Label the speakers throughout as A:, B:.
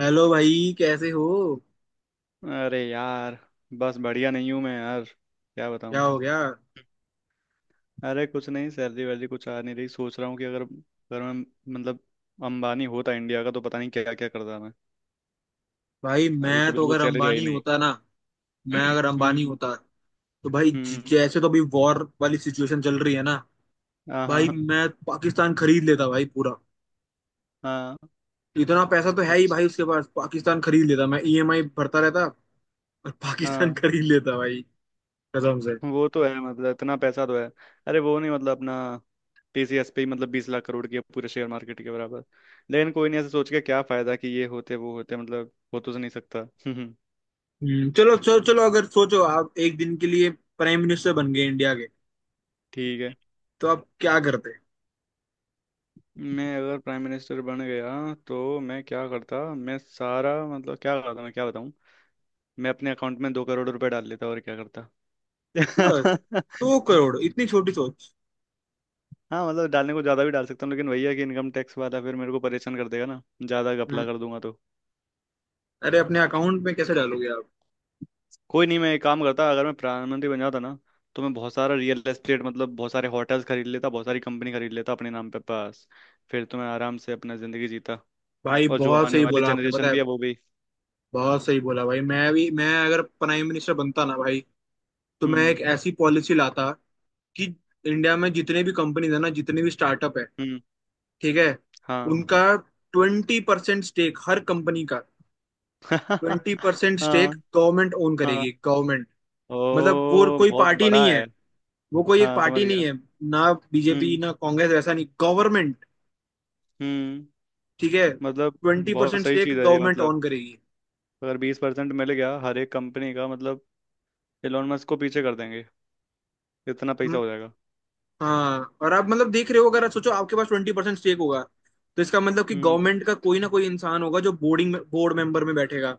A: Hello भाई, कैसे हो?
B: अरे यार। बस बढ़िया नहीं हूँ मैं यार, क्या
A: क्या
B: बताऊँ?
A: हो गया?
B: अरे कुछ नहीं, सैलरी वैलरी कुछ आ नहीं रही। सोच रहा हूँ कि अगर अगर मैं, मतलब, अंबानी होता इंडिया का तो पता नहीं क्या क्या करता मैं।
A: भाई,
B: अभी
A: मैं
B: तो
A: तो
B: बिल्कुल
A: अगर
B: सैलरी आई
A: अंबानी
B: नहीं।
A: होता ना, मैं अगर अंबानी
B: हम्म।
A: होता, तो भाई
B: हम्म।
A: जैसे तो अभी वॉर वाली सिचुएशन चल रही है ना।
B: हाँ,
A: भाई,
B: हाँ।
A: मैं पाकिस्तान खरीद लेता भाई, पूरा।
B: हाँ।
A: इतना पैसा तो है ही
B: अच्छा।
A: भाई उसके पास। पाकिस्तान खरीद लेता मैं, ईएमआई भरता रहता, और पाकिस्तान
B: हाँ
A: खरीद लेता भाई। कसम से।
B: वो तो है, मतलब इतना पैसा तो है। अरे वो नहीं, मतलब अपना टीसीएस पे ही मतलब 20 लाख करोड़ की है, पूरे शेयर मार्केट के बराबर। लेकिन कोई नहीं, ऐसे सोच के क्या फायदा कि ये होते वो होते, मतलब हो तो नहीं सकता।
A: हम्म, चलो चलो चलो, अगर सोचो आप 1 दिन के लिए प्राइम मिनिस्टर बन गए इंडिया के,
B: ठीक है।
A: तो आप क्या करते?
B: मैं अगर प्राइम मिनिस्टर बन गया तो मैं क्या करता? मैं सारा, मतलब क्या करता, मैं क्या बताऊँ। मैं अपने अकाउंट में 2 करोड़ रुपए डाल लेता, और क्या करता।
A: बस? दो करोड़ इतनी छोटी सोच?
B: हाँ, मतलब डालने को ज़्यादा भी डाल सकता हूँ लेकिन वही है कि इनकम टैक्स वाला फिर मेरे को परेशान कर देगा ना, ज़्यादा घपला
A: हम्म।
B: कर दूंगा तो।
A: अरे, अपने अकाउंट में कैसे डालोगे आप?
B: कोई नहीं, मैं एक काम करता अगर मैं प्रधानमंत्री बन जाता ना, तो मैं बहुत सारा रियल एस्टेट, मतलब बहुत सारे होटल्स खरीद लेता, बहुत सारी कंपनी खरीद लेता अपने नाम पे पास। फिर तो मैं आराम से अपना ज़िंदगी जीता।
A: भाई,
B: और जो
A: बहुत
B: आने
A: सही
B: वाली
A: बोला आपने, पता
B: जनरेशन
A: है।
B: भी है वो भी।
A: बहुत सही बोला भाई, मैं अगर प्राइम मिनिस्टर बनता ना भाई, तो मैं
B: हम्म।
A: एक ऐसी पॉलिसी लाता कि इंडिया में जितने भी कंपनीज है ना, जितने भी स्टार्टअप है,
B: हम्म।
A: ठीक है,
B: हाँ।
A: उनका 20% स्टेक, हर कंपनी का ट्वेंटी
B: हाँ,
A: परसेंट स्टेक गवर्नमेंट ओन
B: हाँ।
A: करेगी, गवर्नमेंट। मतलब वो
B: ओ,
A: कोई
B: बहुत
A: पार्टी
B: बड़ा
A: नहीं
B: है।
A: है, वो कोई एक
B: हाँ, समझ
A: पार्टी नहीं
B: गया।
A: है, ना बीजेपी
B: हम्म।
A: ना कांग्रेस, वैसा नहीं, गवर्नमेंट।
B: हम्म।
A: ठीक है,
B: मतलब
A: ट्वेंटी
B: बहुत
A: परसेंट
B: सही
A: स्टेक
B: चीज है ये,
A: गवर्नमेंट
B: मतलब
A: ओन करेगी।
B: अगर 20% मिल गया हर एक कंपनी का मतलब, एलोन मस्क को पीछे कर देंगे, इतना पैसा हो जाएगा।
A: हाँ, और आप मतलब देख रहे हो, अगर आप सोचो आपके पास 20% स्टेक होगा, तो इसका मतलब कि
B: हम्म।
A: गवर्नमेंट का कोई ना कोई इंसान होगा जो बोर्डिंग में, बोर्ड मेंबर में बैठेगा,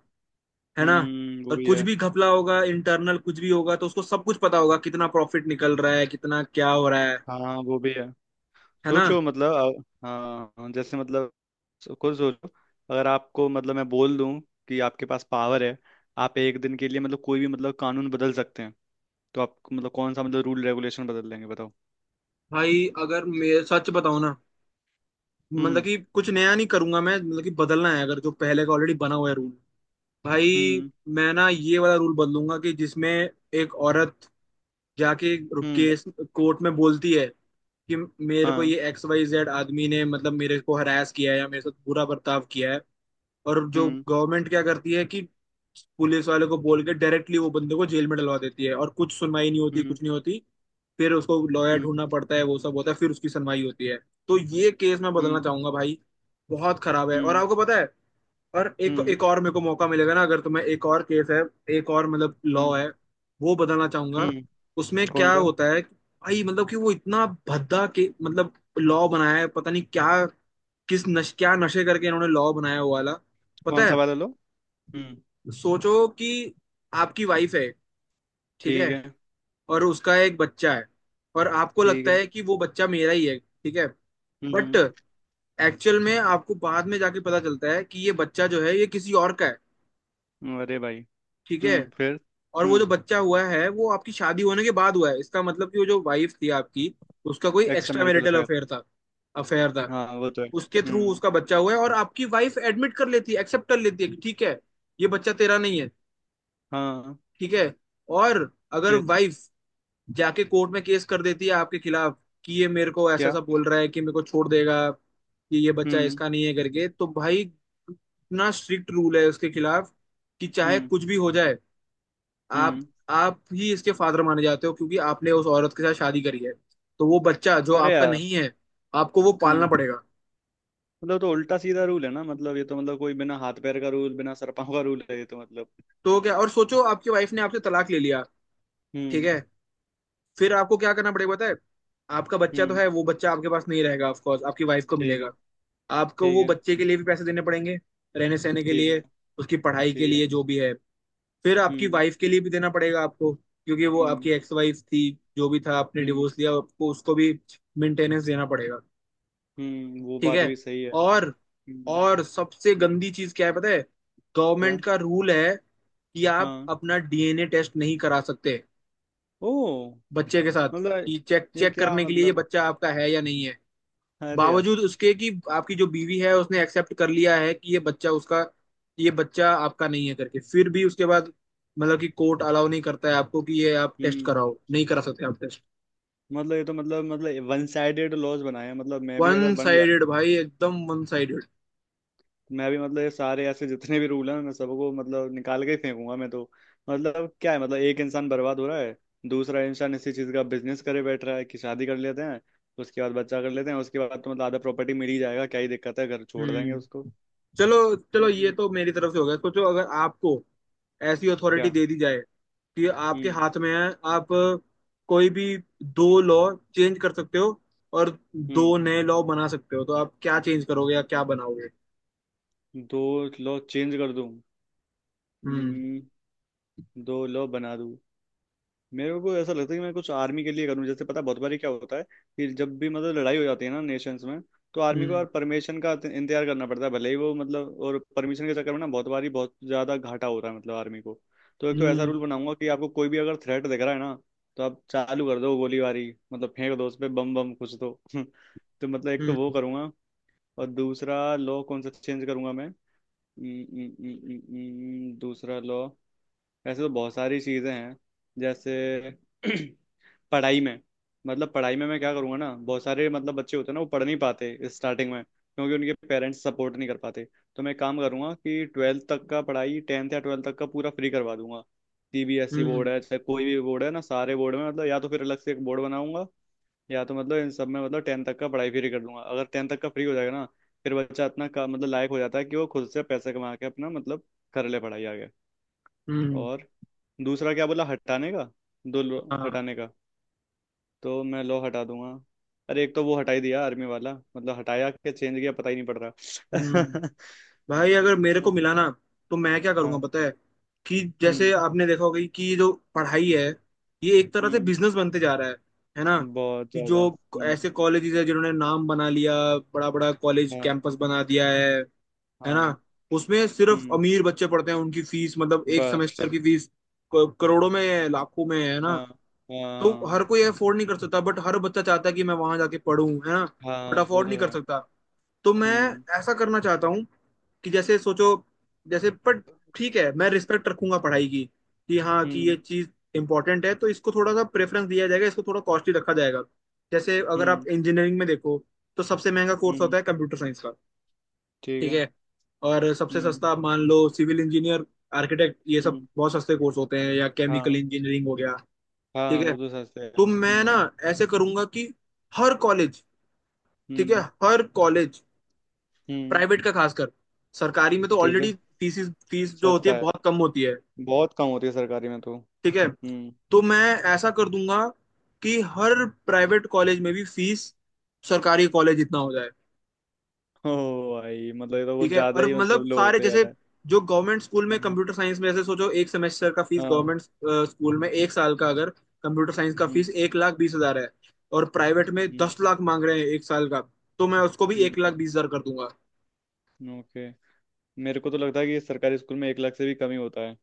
A: है ना।
B: हम्म, वो
A: और
B: भी
A: कुछ
B: है।
A: भी घपला होगा इंटरनल, कुछ भी होगा तो उसको सब कुछ पता होगा, कितना प्रॉफिट निकल रहा है, कितना क्या हो रहा है
B: हाँ वो भी है।
A: है ना।
B: सोचो मतलब हाँ, जैसे मतलब खुद सोचो। अगर आपको, मतलब मैं बोल दूं कि आपके पास पावर है, आप एक दिन के लिए, मतलब कोई भी, मतलब कानून बदल सकते हैं, तो आप मतलब कौन सा, मतलब रूल रेगुलेशन बदल लेंगे बताओ।
A: भाई, अगर मैं सच बताऊं ना, मतलब
B: हम्म।
A: कि कुछ नया नहीं करूंगा मैं, मतलब कि बदलना है अगर, जो पहले का ऑलरेडी बना हुआ है रूल, भाई।
B: हम्म।
A: मैं ना ये वाला रूल बदलूंगा, कि जिसमें एक औरत जाके
B: हम्म।
A: केस कोर्ट में बोलती है कि मेरे को
B: हाँ।
A: ये एक्स वाई जेड आदमी ने, मतलब मेरे को हरास किया है या मेरे साथ बुरा बर्ताव किया है, और जो
B: हम्म।
A: गवर्नमेंट क्या करती है कि पुलिस वाले को बोल के डायरेक्टली वो बंदे को जेल में डलवा देती है, और कुछ सुनवाई नहीं होती,
B: हम्म।
A: कुछ नहीं होती। फिर उसको लॉयर
B: हम्म।
A: ढूंढना पड़ता है, वो सब होता है, फिर उसकी सुनवाई होती है। तो ये केस मैं बदलना
B: हम्म।
A: चाहूंगा भाई, बहुत खराब है, और
B: हम्म।
A: आपको पता है। और एक
B: हम्म।
A: एक और मेरे को मौका मिलेगा ना अगर, तो मैं, एक और केस है, एक और मतलब लॉ
B: हम्म।
A: है, वो बताना चाहूंगा।
B: हम्म।
A: उसमें
B: कौन
A: क्या
B: सा
A: होता है कि भाई, मतलब कि वो इतना भद्दा के, मतलब लॉ बनाया है, पता नहीं क्या, किस नश, क्या नशे करके इन्होंने लॉ बनाया हुआ वाला, पता है।
B: वाला लो? हम्म।
A: सोचो कि आपकी वाइफ है, ठीक है,
B: ठीक है।
A: और उसका एक बच्चा है, और आपको
B: ठीक
A: लगता
B: है।
A: है कि वो बच्चा मेरा ही है, ठीक है। बट
B: हम्म।
A: एक्चुअल में आपको बाद में जाके पता चलता है कि ये बच्चा जो है, ये किसी और का है,
B: अरे भाई।
A: ठीक है।
B: हम्म, फिर?
A: और वो जो
B: हम्म।
A: बच्चा हुआ है वो आपकी शादी होने के बाद हुआ है, इसका मतलब कि वो जो वाइफ थी आपकी, उसका कोई
B: extra
A: extra
B: marital
A: marital
B: affair.
A: Affair था, अफेयर था।
B: हाँ वो तो है।
A: उसके थ्रू
B: हम्म।
A: उसका बच्चा हुआ है, और आपकी वाइफ एडमिट कर लेती है, एक्सेप्ट कर लेती है कि ठीक है, ये बच्चा तेरा नहीं है,
B: हाँ।
A: ठीक है। और अगर
B: फिर
A: वाइफ जाके कोर्ट में केस कर देती है आपके खिलाफ, कि ये मेरे को ऐसा
B: क्या?
A: ऐसा बोल रहा है कि मेरे को छोड़ देगा, कि ये बच्चा
B: हम्म।
A: इसका नहीं है करके, तो भाई, इतना स्ट्रिक्ट रूल है उसके खिलाफ कि चाहे
B: हम्म।
A: कुछ भी हो जाए, आप
B: हम्म,
A: आप ही इसके फादर माने जाते हो, क्योंकि आपने उस औरत के साथ शादी करी है। तो वो बच्चा जो
B: अरे
A: आपका
B: यार।
A: नहीं है, आपको वो पालना
B: हम्म।
A: पड़ेगा।
B: मतलब तो उल्टा सीधा रूल है ना, मतलब ये तो मतलब कोई बिना हाथ पैर का रूल, बिना सर पाँव का रूल है ये तो मतलब।
A: तो क्या, और सोचो आपकी वाइफ ने आपसे तलाक ले लिया, ठीक
B: हम्म।
A: है। फिर आपको क्या करना पड़ेगा पता है? आपका बच्चा तो
B: हम्म।
A: है, वो बच्चा आपके पास नहीं रहेगा, ऑफ कोर्स आपकी वाइफ को
B: ठीक है।
A: मिलेगा। आपको
B: ठीक
A: वो
B: है।
A: बच्चे के लिए भी पैसे देने पड़ेंगे, रहने सहने के
B: ठीक है।
A: लिए, उसकी पढ़ाई के
B: ठीक है।
A: लिए, जो भी है। फिर आपकी
B: हम्म।
A: वाइफ के लिए भी देना पड़ेगा आपको, क्योंकि वो
B: हम्म।
A: आपकी एक्स वाइफ थी, जो भी था आपने
B: हम्म।
A: डिवोर्स लिया, आपको उसको भी मेंटेनेंस देना पड़ेगा,
B: वो
A: ठीक
B: बात
A: है।
B: भी सही है।
A: और
B: हम्म।
A: और सबसे
B: हम्म।
A: गंदी चीज क्या है पता है?
B: क्या?
A: गवर्नमेंट का रूल है कि आप
B: हाँ।
A: अपना डीएनए टेस्ट नहीं करा सकते
B: ओ।
A: बच्चे के साथ,
B: मतलब
A: कि चेक
B: ये
A: चेक
B: क्या
A: करने के लिए ये
B: मतलब?
A: बच्चा आपका है या नहीं है।
B: अरे यार।
A: बावजूद उसके कि आपकी जो बीवी है उसने एक्सेप्ट कर लिया है कि ये बच्चा उसका, ये बच्चा आपका नहीं है करके, फिर भी उसके बाद मतलब कि कोर्ट अलाउ नहीं करता है आपको कि ये आप टेस्ट
B: हम्म।
A: कराओ, नहीं करा सकते आप टेस्ट।
B: मतलब ये तो मतलब वन साइडेड लॉज बनाए हैं, मतलब मैं भी
A: वन
B: अगर बन गया ना
A: साइडेड
B: तो
A: भाई, एकदम वन साइडेड।
B: मैं भी, मतलब ये सारे ऐसे जितने भी रूल हैं मैं सबको मतलब निकाल के ही फेंकूंगा मैं तो। मतलब क्या है, मतलब एक इंसान बर्बाद हो रहा है, दूसरा इंसान इसी चीज का बिजनेस करे बैठ रहा है कि शादी कर लेते हैं, उसके बाद बच्चा कर लेते हैं, उसके बाद तो मतलब आधा प्रॉपर्टी मिल ही जाएगा, क्या ही दिक्कत है, घर छोड़ देंगे
A: हम्म,
B: उसको।
A: चलो चलो, ये
B: मतलब
A: तो मेरी तरफ से हो गया। सोचो अगर आपको ऐसी अथॉरिटी
B: क्या?
A: दे दी जाए कि आपके
B: हम्म।
A: हाथ में है, आप कोई भी 2 लॉ चेंज कर सकते हो और
B: हम्म।
A: 2 नए लॉ बना सकते हो, तो आप क्या चेंज करोगे या क्या बनाओगे?
B: दो लो चेंज कर दूं।
A: हम्म।
B: हम्म। दो लो बना दूं। मेरे को ऐसा लगता है कि मैं कुछ आर्मी के लिए करूं। जैसे पता है बहुत बारी क्या होता है कि जब भी मतलब लड़ाई हो जाती है ना नेशंस में, तो आर्मी को
A: हम्म।
B: यार परमिशन का इंतजार करना पड़ता है, भले ही वो मतलब, और परमिशन के चक्कर में ना बहुत बारी बहुत ज्यादा घाटा हो रहा है मतलब आर्मी को। तो एक तो ऐसा
A: हम्म।
B: रूल बनाऊंगा कि आपको कोई भी अगर थ्रेट दिख रहा है ना, तो आप चालू कर दो गोलीबारी, मतलब फेंक दो उस पे बम, बम कुछ तो। तो मतलब एक तो
A: हम्म।
B: वो करूंगा। और दूसरा लॉ कौन सा चेंज करूंगा मैं? हम्म। हम्म। हम्म। हम्म। हम्म। दूसरा लॉ। ऐसे तो बहुत सारी चीज़ें हैं। जैसे पढ़ाई में, मतलब पढ़ाई में मैं क्या करूँगा ना, बहुत सारे मतलब बच्चे होते हैं ना वो पढ़ नहीं पाते स्टार्टिंग में क्योंकि उनके पेरेंट्स सपोर्ट नहीं कर पाते। तो मैं काम करूँगा कि ट्वेल्थ तक का पढ़ाई, टेंथ या ट्वेल्थ तक का पूरा फ्री करवा दूंगा। सीबीएसई बोर्ड
A: हम्म।
B: है चाहे कोई भी बोर्ड है ना, सारे बोर्ड में मतलब, या तो फिर अलग से एक बोर्ड बनाऊंगा, या तो मतलब इन सब में, मतलब टेंथ तक का पढ़ाई फ्री कर दूंगा। अगर टेंथ तक का फ्री हो जाएगा ना, फिर बच्चा इतना का मतलब लायक हो जाता है कि वो खुद से पैसे कमा के अपना मतलब कर ले पढ़ाई आगे।
A: हम्म।
B: और दूसरा क्या बोला हटाने का, दो लो
A: हाँ।
B: हटाने का? तो मैं लो हटा दूंगा। अरे एक तो वो हटाई दिया आर्मी वाला, मतलब हटाया कि चेंज किया पता ही नहीं पड़
A: हम्म।
B: रहा।
A: भाई, अगर मेरे को मिला ना, तो मैं क्या करूंगा
B: हाँ।
A: पता है? कि जैसे
B: हम्म।
A: आपने देखा होगा कि ये जो पढ़ाई है, ये एक तरह से
B: हम्म।
A: बिजनेस बनते जा रहा है ना।
B: बहुत
A: कि जो
B: ज्यादा। हम्म।
A: ऐसे कॉलेजेस है जिन्होंने नाम बना लिया, बड़ा बड़ा कॉलेज
B: हाँ।
A: कैंपस बना दिया है ना।
B: हाँ।
A: उसमें सिर्फ
B: हम्म।
A: अमीर बच्चे पढ़ते हैं, उनकी फीस, मतलब 1 सेमेस्टर
B: बस।
A: की फीस करोड़ों में है, लाखों में है ना।
B: हाँ।
A: तो
B: हाँ।
A: हर कोई अफोर्ड नहीं कर सकता, बट हर बच्चा चाहता है कि मैं वहां जाके पढ़ूं, है ना।
B: हाँ
A: बट
B: वो
A: अफोर्ड नहीं
B: तो
A: कर
B: है।
A: सकता। तो मैं
B: हम्म।
A: ऐसा करना चाहता हूँ कि जैसे सोचो, जैसे पर, ठीक है, मैं रिस्पेक्ट रखूंगा पढ़ाई की कि हाँ, कि ये
B: हम्म।
A: चीज इंपॉर्टेंट है, तो इसको थोड़ा सा प्रेफरेंस दिया जाएगा, इसको थोड़ा कॉस्टली रखा जाएगा। जैसे अगर
B: हम्म।
A: आप इंजीनियरिंग में देखो, तो सबसे महंगा कोर्स
B: हम्म।
A: होता है कंप्यूटर साइंस का,
B: ठीक
A: ठीक
B: है।
A: है, और सबसे
B: हम्म।
A: सस्ता मान लो सिविल इंजीनियर, आर्किटेक्ट, ये सब
B: हम्म।
A: बहुत सस्ते कोर्स होते हैं, या केमिकल
B: हाँ।
A: इंजीनियरिंग हो गया,
B: हाँ
A: ठीक है।
B: वो तो सस्ता है।
A: तो मैं ना
B: हम्म।
A: ऐसे करूंगा कि हर कॉलेज, ठीक है,
B: हम्म।
A: हर कॉलेज,
B: हम्म।
A: प्राइवेट का खासकर, सरकारी में तो
B: ठीक
A: ऑलरेडी
B: है।
A: फीस फीस जो होती
B: सस्ता
A: है
B: है।
A: बहुत कम होती है,
B: बहुत कम होती है सरकारी में तो।
A: ठीक है।
B: हम्म।
A: तो मैं ऐसा कर दूंगा कि हर प्राइवेट कॉलेज में भी फीस सरकारी कॉलेज इतना हो जाए,
B: ओ, भाई मतलब ये तो कुछ
A: ठीक है।
B: ज्यादा
A: और
B: ही मतलब
A: मतलब
B: लो
A: सारे,
B: होते जा
A: जैसे
B: रहा है।
A: जो गवर्नमेंट स्कूल में
B: हाँ।
A: कंप्यूटर साइंस में, जैसे सोचो 1 सेमेस्टर का फीस
B: हाँ।
A: गवर्नमेंट स्कूल में, 1 साल का अगर कंप्यूटर साइंस का
B: हम्म।
A: फीस 1,20,000 है, और प्राइवेट में
B: हम्म।
A: 10 लाख मांग रहे हैं 1 साल का, तो मैं उसको भी एक लाख
B: हम्म।
A: बीस हजार कर दूंगा।
B: ओके। मेरे को तो लगता है कि सरकारी स्कूल में 1 लाख से भी कम ही होता है,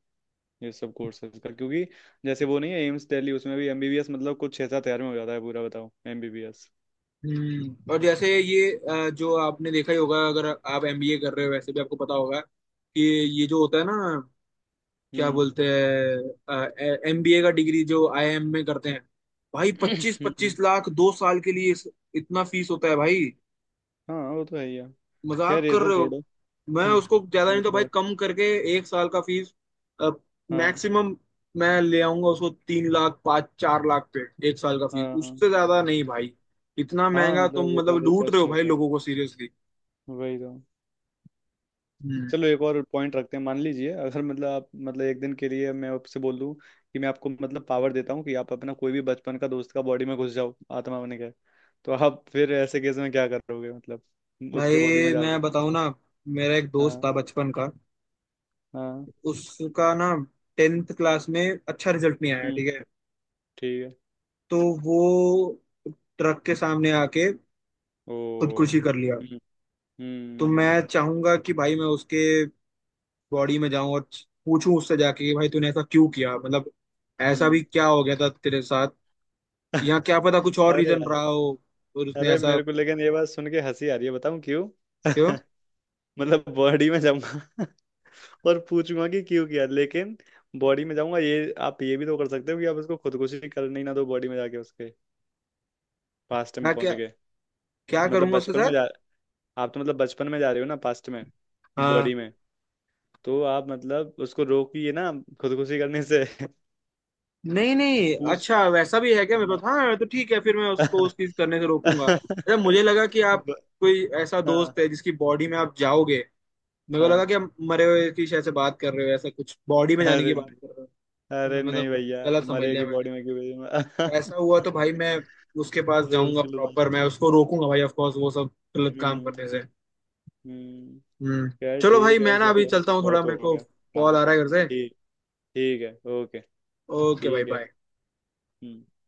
B: ये सब कोर्सेज का क्योंकि जैसे वो नहीं है एम्स दिल्ली, उसमें भी एमबीबीएस मतलब कुछ 6-7 हज़ार में हो जाता है पूरा, बताओ एमबीबीएस।
A: हम्म। और जैसे ये जो आपने देखा ही होगा, अगर आप एमबीए कर रहे हो, वैसे भी आपको पता होगा कि ये जो होता है ना, क्या
B: हम्म।
A: बोलते हैं, एमबीए का डिग्री जो आईआईएम में करते हैं, भाई पच्चीस
B: हम्म।
A: पच्चीस लाख 2 साल के लिए, इतना फीस होता है भाई,
B: हाँ वो तो है ही है।
A: मजाक
B: खैर ये
A: कर
B: सब
A: रहे हो।
B: छोड़ो।
A: मैं
B: हम्म।
A: उसको ज्यादा
B: वो
A: नहीं तो भाई
B: तो।
A: कम करके, 1 साल का फीस
B: हाँ।
A: मैक्सिमम मैं ले आऊंगा उसको, 3 लाख, पाँच चार लाख पे, 1 साल का फीस
B: हाँ। हाँ।
A: उससे ज्यादा नहीं भाई। इतना
B: हाँ
A: महंगा
B: मतलब
A: तुम
B: वो
A: मतलब
B: ज़्यादा ही
A: लूट रहे
B: कॉस्ट
A: हो भाई
B: रहता है,
A: लोगों को, सीरियसली।
B: वही तो।
A: हम्म।
B: चलो एक और पॉइंट रखते हैं। मान लीजिए अगर मतलब आप, मतलब एक दिन के लिए मैं आपसे बोल दूं कि मैं आपको मतलब पावर देता हूँ कि आप अपना कोई भी बचपन का दोस्त का बॉडी में घुस जाओ आत्मा बन के, तो आप फिर ऐसे केस में क्या करोगे मतलब उसके बॉडी में
A: भाई,
B: जाके।
A: मैं बताऊं ना, मेरा एक दोस्त
B: हाँ।
A: था बचपन का,
B: हाँ।
A: उसका ना टेंथ क्लास में अच्छा रिजल्ट नहीं आया,
B: हम्म।
A: ठीक है।
B: ठीक है।
A: तो वो ट्रक के सामने आके
B: ओ।
A: खुदकुशी कर लिया।
B: हम्म।
A: तो
B: हम्म।
A: मैं चाहूंगा कि भाई मैं उसके बॉडी में जाऊं और पूछूं उससे जाके कि भाई तूने ऐसा क्यों किया, मतलब ऐसा भी
B: हम्म।
A: क्या हो गया था तेरे साथ, यहाँ क्या पता कुछ और
B: अरे
A: रीजन
B: यार।
A: रहा हो और उसने
B: अरे
A: ऐसा
B: मेरे को लेकिन ये बात सुन के हंसी आ रही है, बताऊं क्यों?
A: क्यों।
B: मतलब बॉडी में जाऊंगा और पूछूंगा कि क्यों किया, लेकिन बॉडी में जाऊंगा, ये आप ये भी तो कर सकते हो कि आप उसको खुदकुशी करने ही ना दो, बॉडी में जाके उसके पास्ट में
A: मैं
B: पहुंच
A: क्या,
B: के।
A: क्या
B: मतलब
A: करूंगा उसके
B: बचपन में
A: साथ?
B: जा आप तो मतलब बचपन में जा रहे हो ना पास्ट में, बॉडी
A: हाँ।
B: में। तो आप मतलब उसको रोकिए ना खुदकुशी करने से।
A: नहीं नहीं,
B: पूछ।
A: अच्छा वैसा भी है क्या मेरे पास?
B: हाँ।
A: हाँ तो ठीक है, फिर मैं उसको उस चीज करने से रोकूंगा। अच्छा, मुझे लगा कि आप,
B: ब-
A: कोई ऐसा
B: हाँ।
A: दोस्त है जिसकी बॉडी में आप जाओगे? मेरे को लगा
B: हाँ।
A: कि आप मरे हुए की शायद से बात कर रहे हो, ऐसा कुछ बॉडी में जाने की
B: अरे
A: बात
B: नहीं।
A: कर रहे हो।
B: अरे
A: हाँ,
B: नहीं
A: मतलब
B: भैया,
A: गलत समझ लिया
B: मरेगी
A: मैंने।
B: बॉडी में क्यों भेजूंगा?
A: ऐसा हुआ तो भाई मैं उसके पास
B: रोक
A: जाऊंगा
B: लूंगा।
A: प्रॉपर, मैं उसको रोकूंगा भाई, ऑफ कोर्स वो सब गलत काम
B: हम्म।
A: करने से।
B: हम्म।
A: हम्म।
B: यार
A: चलो भाई,
B: ठीक है
A: मैं ना अभी
B: चलो।
A: चलता हूँ थोड़ा,
B: बहुत हो
A: मेरे को
B: गया। हाँ।
A: कॉल आ रहा है घर से।
B: ठीक। ठीक है। ओके।
A: ओके भाई,
B: ठीक है।
A: बाय।
B: हम्म।